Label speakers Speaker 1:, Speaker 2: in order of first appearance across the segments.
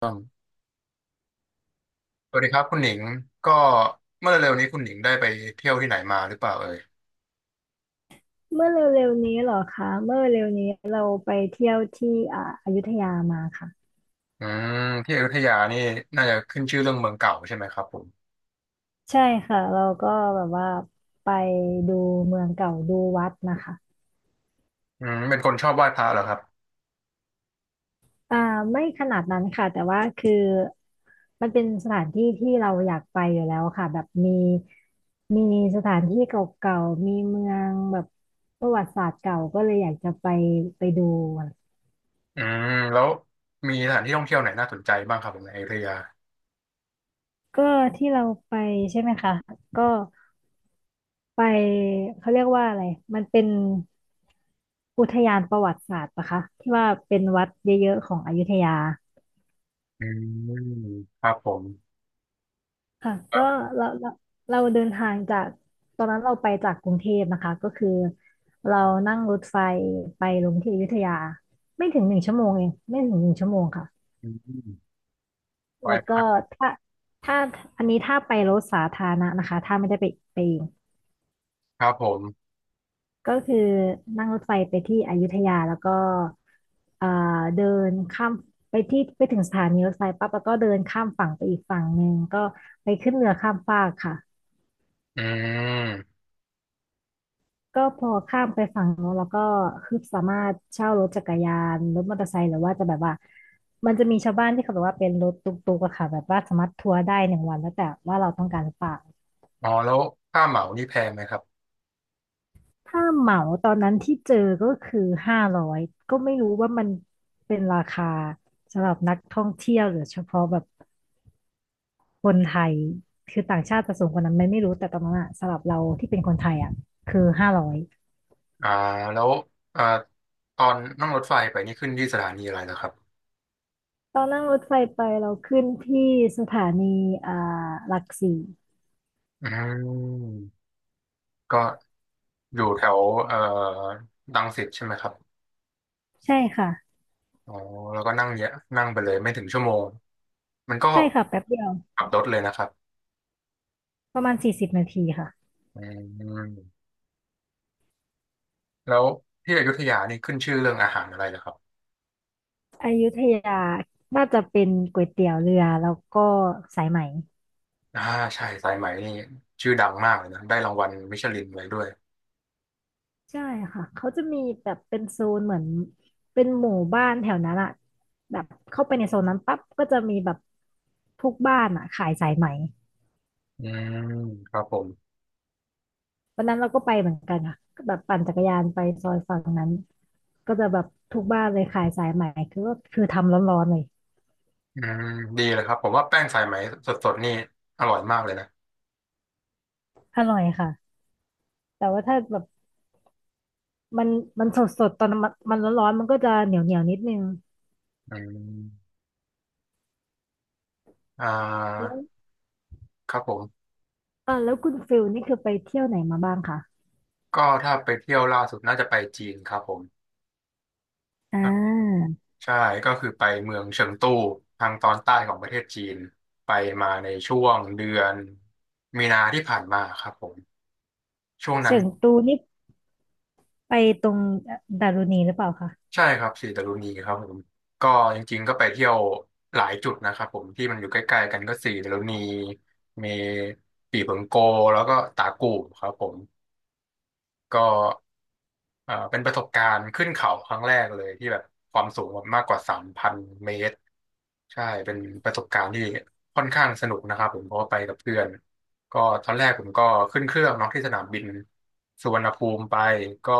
Speaker 1: ต้องสวัสดีครับคุณหนิงก็เมื่อเร็วๆนี้คุณหนิงได้ไปเที่ยวที่ไหนมาหรือเปล่าเอ่ย
Speaker 2: เมื่อเร็วๆนี้เหรอคะเมื่อเร็วๆนี้เราไปเที่ยวที่อยุธยามาค่ะ
Speaker 1: อืมที่อยุธยานี่น่าจะขึ้นชื่อเรื่องเมืองเก่าใช่ไหมครับผม
Speaker 2: ใช่ค่ะเราก็แบบว่าไปดูเมืองเก่าดูวัดนะคะ
Speaker 1: อืมเป็นคนชอบไหว้พระเหรอครับ
Speaker 2: อ่าไม่ขนาดนั้นค่ะแต่ว่าคือมันเป็นสถานที่ที่เราอยากไปอยู่แล้วค่ะแบบมีสถานที่เก่าๆมีเมืองแบบประวัติศาสตร์เก่าก็เลยอยากจะไปดู
Speaker 1: อืมแล้วมีสถานที่ท่องเที่ยวไหนน่าสนใจบ้างครับผมในอยุธยา
Speaker 2: ก็ที่เราไปใช่ไหมคะก็ ไปเขาเรียกว่าอะไร มันเป็นอุทยานประวัติศาสตร์ปะคะที่ว่าเป็นวัดเยอะๆของอยุธยา
Speaker 1: อืมครับผม
Speaker 2: ค่ะ
Speaker 1: ครั
Speaker 2: ก็
Speaker 1: บ
Speaker 2: เราเราเราเดินทางจากตอนนั้นเราไปจากกรุงเทพนะคะก็คือเรานั่งรถไฟไปลงที่อยุธยาไม่ถึงหนึ่งชั่วโมงเองไม่ถึงหนึ่งชั่วโมงค่ะ
Speaker 1: อืมไหว้
Speaker 2: แล้ว
Speaker 1: พ
Speaker 2: ก็
Speaker 1: ระ
Speaker 2: ถ้าถ้าอันนี้ถ้าไปรถสาธารณะนะคะถ้าไม่ได้ไปเอง
Speaker 1: ครับผม
Speaker 2: ก็คือนั่งรถไฟไปที่อยุธยาแล้วก็เอ่อเดินข้ามไปที่ไปถึงสถานีรถไฟปั๊บแล้วก็เดินข้ามฝั่งไปอีกฝั่งหนึ่งก็ไปขึ้นเรือข้ามฟากค่ะ
Speaker 1: อืม
Speaker 2: ก็พอข้ามไปฝั่งโน้นแล้วก็คือสามารถเช่ารถจักรยานรถมอเตอร์ไซค์หรือว่าจะแบบว่ามันจะมีชาวบ้านที่เขาแบบว่าเป็นรถตุ๊กๆอะค่ะแบบว่าสามารถทัวร์ได้หนึ่งวันแล้วแต่ว่าเราต้องการหรือเปล่า
Speaker 1: อ๋อแล้วค่าเหมานี่แพงไหมครับ
Speaker 2: ถ้าเหมาตอนนั้นที่เจอก็คือห้าร้อยก็ไม่รู้ว่ามันเป็นราคาสำหรับนักท่องเที่ยวหรือเฉพาะแบบคนไทยคือต่างชาติจะสูงกว่านั้นไหมไม่รู้แต่ตอนนั้นอะสำหรับเราที่เป็นคนไทยอะคือห้าร้อย
Speaker 1: อ่าแล้วอ่าตอนนั่งรถไฟไปนี่ขึ้นที่สถานีอะไรเหรอครับ
Speaker 2: ตอนนั่งรถไฟไปเราขึ้นที่สถานีอ่าหลักสี่
Speaker 1: อืมก็ อยู่แถวเอ่อรังสิตใช่ไหมครับ
Speaker 2: ใช่ค่ะ
Speaker 1: อ๋อแล้วก็นั่งเยอะนั่งไปเลยไม่ถึงชั่วโมงมันก็
Speaker 2: ใช่ค่ะแป๊บเดียว
Speaker 1: ขับรถเลยนะครับ
Speaker 2: ประมาณ40นาทีค่ะ
Speaker 1: อืมแล้วที่อยุธยานี่ขึ้นชื่อเรื่องอาหารอะไรนะครับ
Speaker 2: อยุธยาน่าจะเป็นก๋วยเตี๋ยวเรือแล้วก็สายไหม
Speaker 1: อ่าใช่สายไหมนี่ชื่อดังมากเลยนะได้รางวัลมิชลินอะไว้ด้วย
Speaker 2: ใช่ค่ะเขาจะมีแบบเป็นโซนเหมือนเป็นหมู่บ้านแถวนั้นอะแบบเข้าไปในโซนนั้นปั๊บก็จะมีแบบทุกบ้านอะขายสายไหม
Speaker 1: อืมครับผม
Speaker 2: วันนั้นเราก็ไปเหมือนกันค่ะก็แบบปั่นจักรยานไปซอยฝั่งนั้นก็จะแบบทุกบ้านเลยขายสายไหมคือก็คือทำร้อนๆเลย
Speaker 1: อืมดีเลยครับผมว่าแป้งสายไหมสดๆนี่อร่อยมากเลยนะ
Speaker 2: อร่อยค่ะแต่ว่าถ้าแบบมันสดๆตอนมันร้อนๆมันก็จะเหนียวเหนียวนิดนึง
Speaker 1: อืมอ่า
Speaker 2: แล้ว
Speaker 1: ครับผม
Speaker 2: แล้วคุณฟิลนี่คือไปเที่ยวไหนมาบ้างคะ
Speaker 1: ก็ถ้าไปเที่ยวล่าสุดน่าจะไปจีนครับผม
Speaker 2: อ่า
Speaker 1: ใช่ก็คือไปเมืองเฉิงตูทางตอนใต้ของประเทศจีนไปมาในช่วงเดือนมีนาที่ผ่านมาครับผมช่วงนั้
Speaker 2: เฉิ
Speaker 1: น
Speaker 2: งตูนี่ ไปตรงดารุณีหรือเปล่าคะ
Speaker 1: ใช่ครับสีตะลุนีครับผมก็จริงๆก็ไปเที่ยวหลายจุดนะครับผมที่มันอยู่ใกล้ๆกันก็สีตะลุนีมีปี่เผิงโกแล้วก็ตากูบครับผมก็เป็นประสบการณ์ขึ้นเขาครั้งแรกเลยที่แบบความสูงแบบมากกว่า3,000เมตร ใช่เป็นประสบการณ์ที่ค่อนข้างสนุกนะครับผมเพราะว่าไปกับเพื่อนก็ตอนแรกผมก็ขึ้นเครื่องเนาะที่สนามบินสุวรรณภูมิไปก็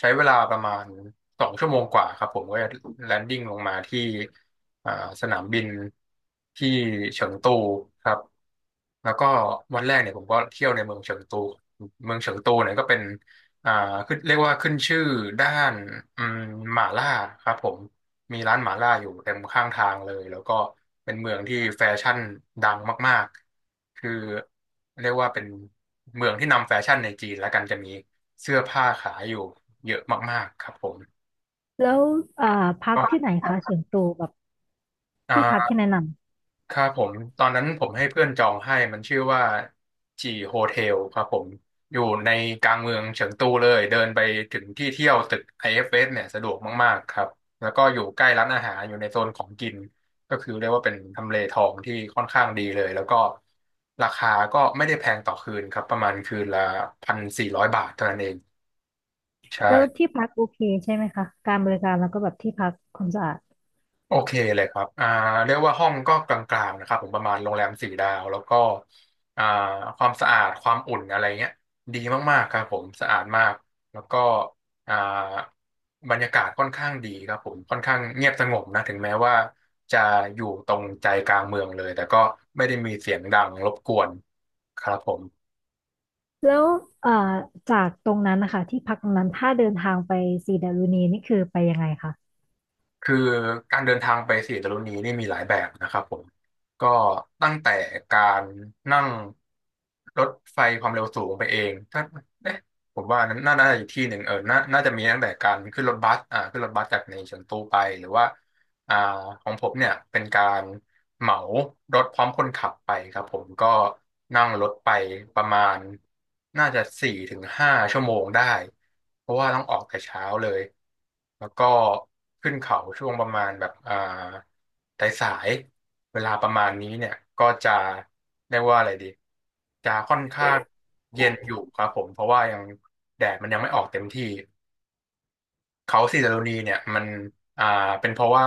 Speaker 1: ใช้เวลาประมาณ2 ชั่วโมงกว่าครับผมก็จะแลนดิ้งลงมาที่อ่าสนามบินที่เฉิงตูครับแล้วก็วันแรกเนี่ยผมก็เที่ยวในเมืองเฉิงตูเมืองเฉิงตูเนี่ยก็เป็นอ่าขึ้นเรียกว่าขึ้นชื่อด้านอืมหม่าล่าครับผมมีร้านหม่าล่าอยู่เต็มข้างทางเลยแล้วก็เป็นเมืองที่แฟชั่นดังมากๆคือเรียกว่าเป็นเมืองที่นำแฟชั่นในจีนแล้วกันจะมี เสื้อผ้าขายอยู่เยอะมากๆครับผม
Speaker 2: แล้วอ่าพัก
Speaker 1: ก็
Speaker 2: ที่ไหนคะส่วนตัวแบบที่พัก
Speaker 1: อ่า
Speaker 2: ที่แนะน
Speaker 1: ครับผมตอนนั้นผมให้เพื่อนจองให้มันชื่อว่าจีโฮเทลครับผมอยู่ในกลางเมืองเฉิงตูเลยเดินไปถึงที่เที่ยวตึก IFS เอฟเอสเนี่ยสะดวกมากๆครับแล้วก็อยู่ใกล้ร้านอาหารอยู่ในโซนของกินก็คือเรียกว่าเป็นทำเลทองที่ค่อนข้างดีเลยแล้วก็ราคาก็ไม่ได้แพงต่อคืนครับประมาณคืนละ1,400 บาทเท่านั้นเองใช่
Speaker 2: ำแล้วที่พักโอเคใช่ไหมคะการบริการแล้วก็แบบที่พักความสะอาด
Speaker 1: โอเคเลยครับเรียกว่าห้องก็กลางๆนะครับผมประมาณโรงแรมสี่ดาวแล้วก็อ่าความสะอาดความอุ่นอะไรเงี้ยดีมากๆครับผมสะอาดมากแล้วก็อ่าบรรยากาศค่อนข้างดีครับผมค่อนข้างเงียบสงบนะถึงแม้ว่าจะอยู่ตรงใจกลางเมืองเลยแต่ก็ไม่ได้มีเสียงดังรบกวนครับผม
Speaker 2: แล้วอ่าจากตรงนั้นนะคะที่พักตรงนั้นถ้าเดินทางไปสีดารุณีนี่คือไปยังไงคะ
Speaker 1: คือการเดินทางไปสี่ตะลุนีนี่มีหลายแบบนะครับผมก็ตั้งแต่การนั่งรถไฟความเร็วสูงไปเองถ้าเอ๊ะผมว่านั้นน่าจะอีกที่หนึ่งเออน่าจะมีตั้งแต่การขึ้นรถบัสขึ้นรถบัสจากในเฉิงตูไปหรือว่าอ่าของผมเนี่ยเป็นการ เหมารถพร้อมคนขับไปครับผมก็นั่งรถไปประมาณน่าจะ4-5 ชั่วโมงได้เพราะว่าต้องออกแต่เช้าเลยแล้วก็ขึ้นเขาช่วงประมาณแบบสายเวลาประมาณนี้เนี่ยก็จะเรียกว่าอะไรดีจะค่อนข้างเย็นอยู่ครับผมเพราะว่ายังแดดมันยังไม่ออกเต็มที่ เขาสีดารุณีเนี่ยมันอ่าเป็นเพราะว่า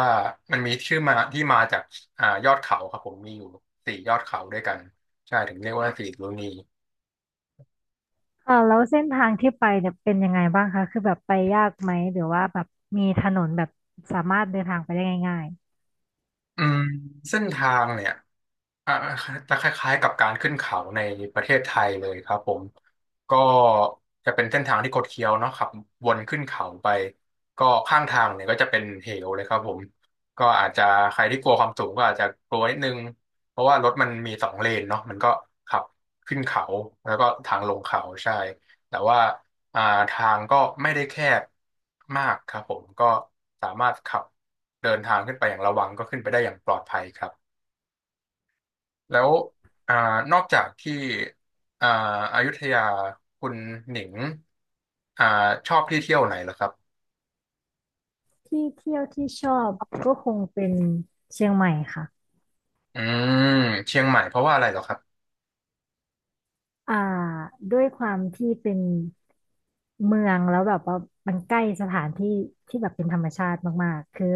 Speaker 1: มันมีชื่อมาที่มาจากยอดเขาครับผมมีอยู่สี่ยอดเขาด้วยกันใช่ถึงเรียกว่าสีดารุณี
Speaker 2: แล้วเส้นทางที่ไปเนี่ยเป็นยังไงบ้างคะคือแบบไปยากไหมหรือว่าแบบมีถนนแบบสามารถเดินทางไปได้ง่าย
Speaker 1: อืมเส้นทางเนี่ย อ่าจะคล้ายๆกับการขึ้นเขาในประเทศไทยเลยครับผมก็จะเป็นเส้นทางที่คดเคี้ยวเนาะขับวนขึ้นเขาไปก็ข้างทางเนี่ยก็จะเป็นเหวเลยครับผมก็อาจจะใครที่กลัวความสูงก็อาจจะกลัวนิดนึงเพราะว่ารถมันมีสองเลนเนาะมันก็ขับขึ้นเขาแล้วก็ทางลงเขาใช่แต่ว่าอ่าทางก็ไม่ได้แคบมากครับผมก็สามารถขับเดินทางขึ้นไปอย่างระวังก็ขึ้นไปได้อย่างปลอดภัยครับ แล้วอ่านอกจากที่อ่าอยุธยาคุณหนิงอ่าชอบที่เที่ยวไหนเหรอครับ
Speaker 2: ๆที่เที่ยวที่ชอบก็คงเป็นเชียงใหม่ค่ะ
Speaker 1: อืมเชียงใหม่เพราะว่าอะไรเหรอครับ
Speaker 2: อ่าด้วยความที่เป็น เมืองแล้วแบบว่ามันใกล้สถานที่ที่แบบเป็นธรรมชาติมากๆคือ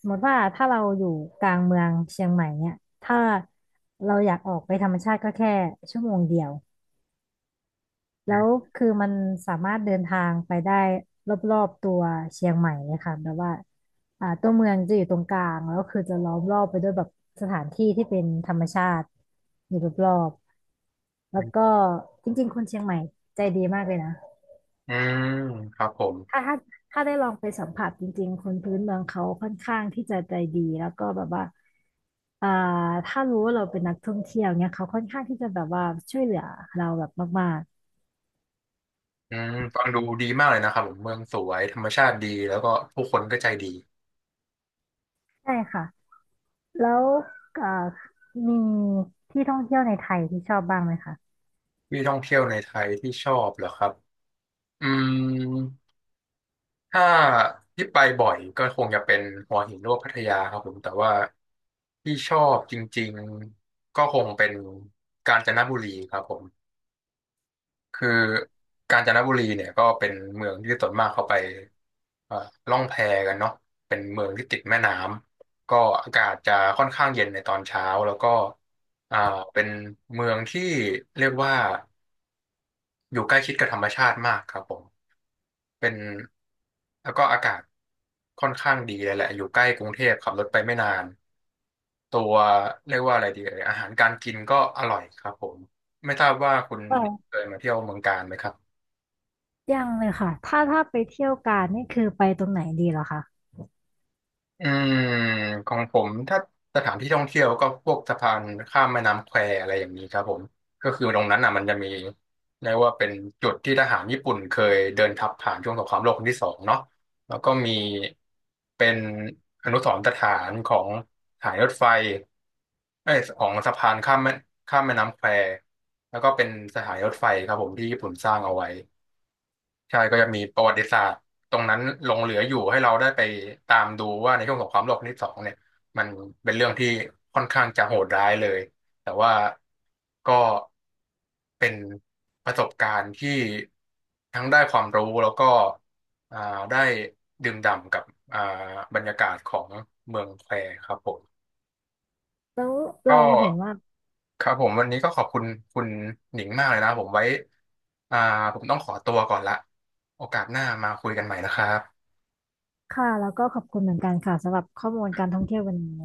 Speaker 2: สมมติว่าถ้าเราอยู่กลางเมืองเชียงใหม่เนี่ยถ้าเราอยากออกไปธรรมชาติก็แค่ชั่วโมงเดียว
Speaker 1: อื
Speaker 2: แล้ว
Speaker 1: ม
Speaker 2: คือมันสามารถเดินทางไปได้รอบๆตัวเชียงใหม่เลยค่ะแบบว่าตัวเมืองจะอยู่ตรงกลางแล้วคือจะล้อมรอบไปด้วยแบบสถานที่ที่เป็นธรรมชาติอยู่รอบๆแล้วก็จริงๆคนเชียงใหม่ใจดีมากเลยนะ
Speaker 1: อืมครับผม
Speaker 2: ถ้าถ้าถ้าได้ลองไปสัมผัสจริงๆคนพื้นเมืองเขาค่อนข้างที่จะใจดีแล้วก็แบบว่าอ่าถ้ารู้ว่าเราเป็นนักท่องเที่ยวเนี่ยเขาค่อนข้างที่จะแบบว่าช่วยเหลือเราแบบมาก
Speaker 1: อืมฟังดูดีมากเลยนะครับผมเมืองสวยธรรมชาติดีแล้วก็ผู้คนก็ใจดี
Speaker 2: ๆใช่ค่ะแล้วเอ่อมีที่ท่องเที่ยวในไทยที่ชอบบ้างไหมคะ
Speaker 1: ที่ท่องเที่ยวในไทยที่ชอบเหรอครับอืม ถ้าที่ไปบ่อยก็คงจะเป็นหัวหินหรือว่าพัทยาครับผมแต่ว่าที่ชอบจริงๆก็คงเป็นกาญจนบุรีครับผมคือกาญจนบุรีเนี่ยก็เป็นเมืองที่ส่วนมากเขาไปเอ่อล่องแพกันเนาะเป็นเมืองที่ติดแม่น้ำก็อากาศจะค่อนข้างเย็นในตอนเช้าแล้วก็อ่าเป็นเมืองที่เรียกว่าอยู่ใกล้ชิดกับธรรมชาติมากครับผม เป็นแล้วก็อากาศค่อนข้างดีเลยแหละอยู่ใกล้กรุงเทพขับรถไปไม่นานตัวเรียกว่าอะไรดีเอ่ยอาหารการกินก็อร่อยครับผมไม่ทราบว่าคุณ
Speaker 2: เออ
Speaker 1: เคยมาเที่ยวเมืองกาญไหมครับ
Speaker 2: ยังเลยค่ะถ้าไปเที่ยวกาญนี่คือไปตรงไหนดีเหรอคะ
Speaker 1: อืมของผมถ้าสถานที่ท่องเที่ยวก็พวกสะพานข้ามแม่น้ำแควอะไรอย่างนี้ครับผมก็คือตรงนั้นอ่ะมันจะมีเรียกว่าเป็นจุดที่ทหารญี่ปุ่นเคยเดินทัพผ่านช่วงสงครามโลกครั้งที่สองเนาะแล้วก็มีเป็นอนุสรณ์สถานของสถายรถไฟเอ้ยของสะพานข้ามแม่น้ำแควแล้วก็เป็นสถานีรถไฟครับผมที่ญี่ปุ่นสร้างเอาไว้ ใช่ก็จะมีประวัติศาสตร์ตรงนั้นหลงเหลืออยู่ให้เราได้ไปตามดูว่าในช่วงสงครามโลกครั้งที่สองเนี่ยมันเป็นเรื่องที่ค่อนข้างจะโหดร้ายเลยแต่ว่าก็เป็นประสบการณ์ที่ทั้งได้ความรู้แล้วก็อ่าได้ดื่มด่ำกับอ่าบรรยากาศของเมืองแควครับผม
Speaker 2: แล้ว
Speaker 1: ก็
Speaker 2: เราเห็นว่า
Speaker 1: ครับผมวันนี้ก็ขอบคุณคุณหนิงมากเลยนะผมไว้อ่าผมต้องขอตัวก่อนละโอกาสหน้ามาคุยกันใหม่นะครับ
Speaker 2: ค่ะแล้วก็ขอบคุณเหมือนกันค่ะสำหรับข้อมูลการท่องเที่ยววันนี้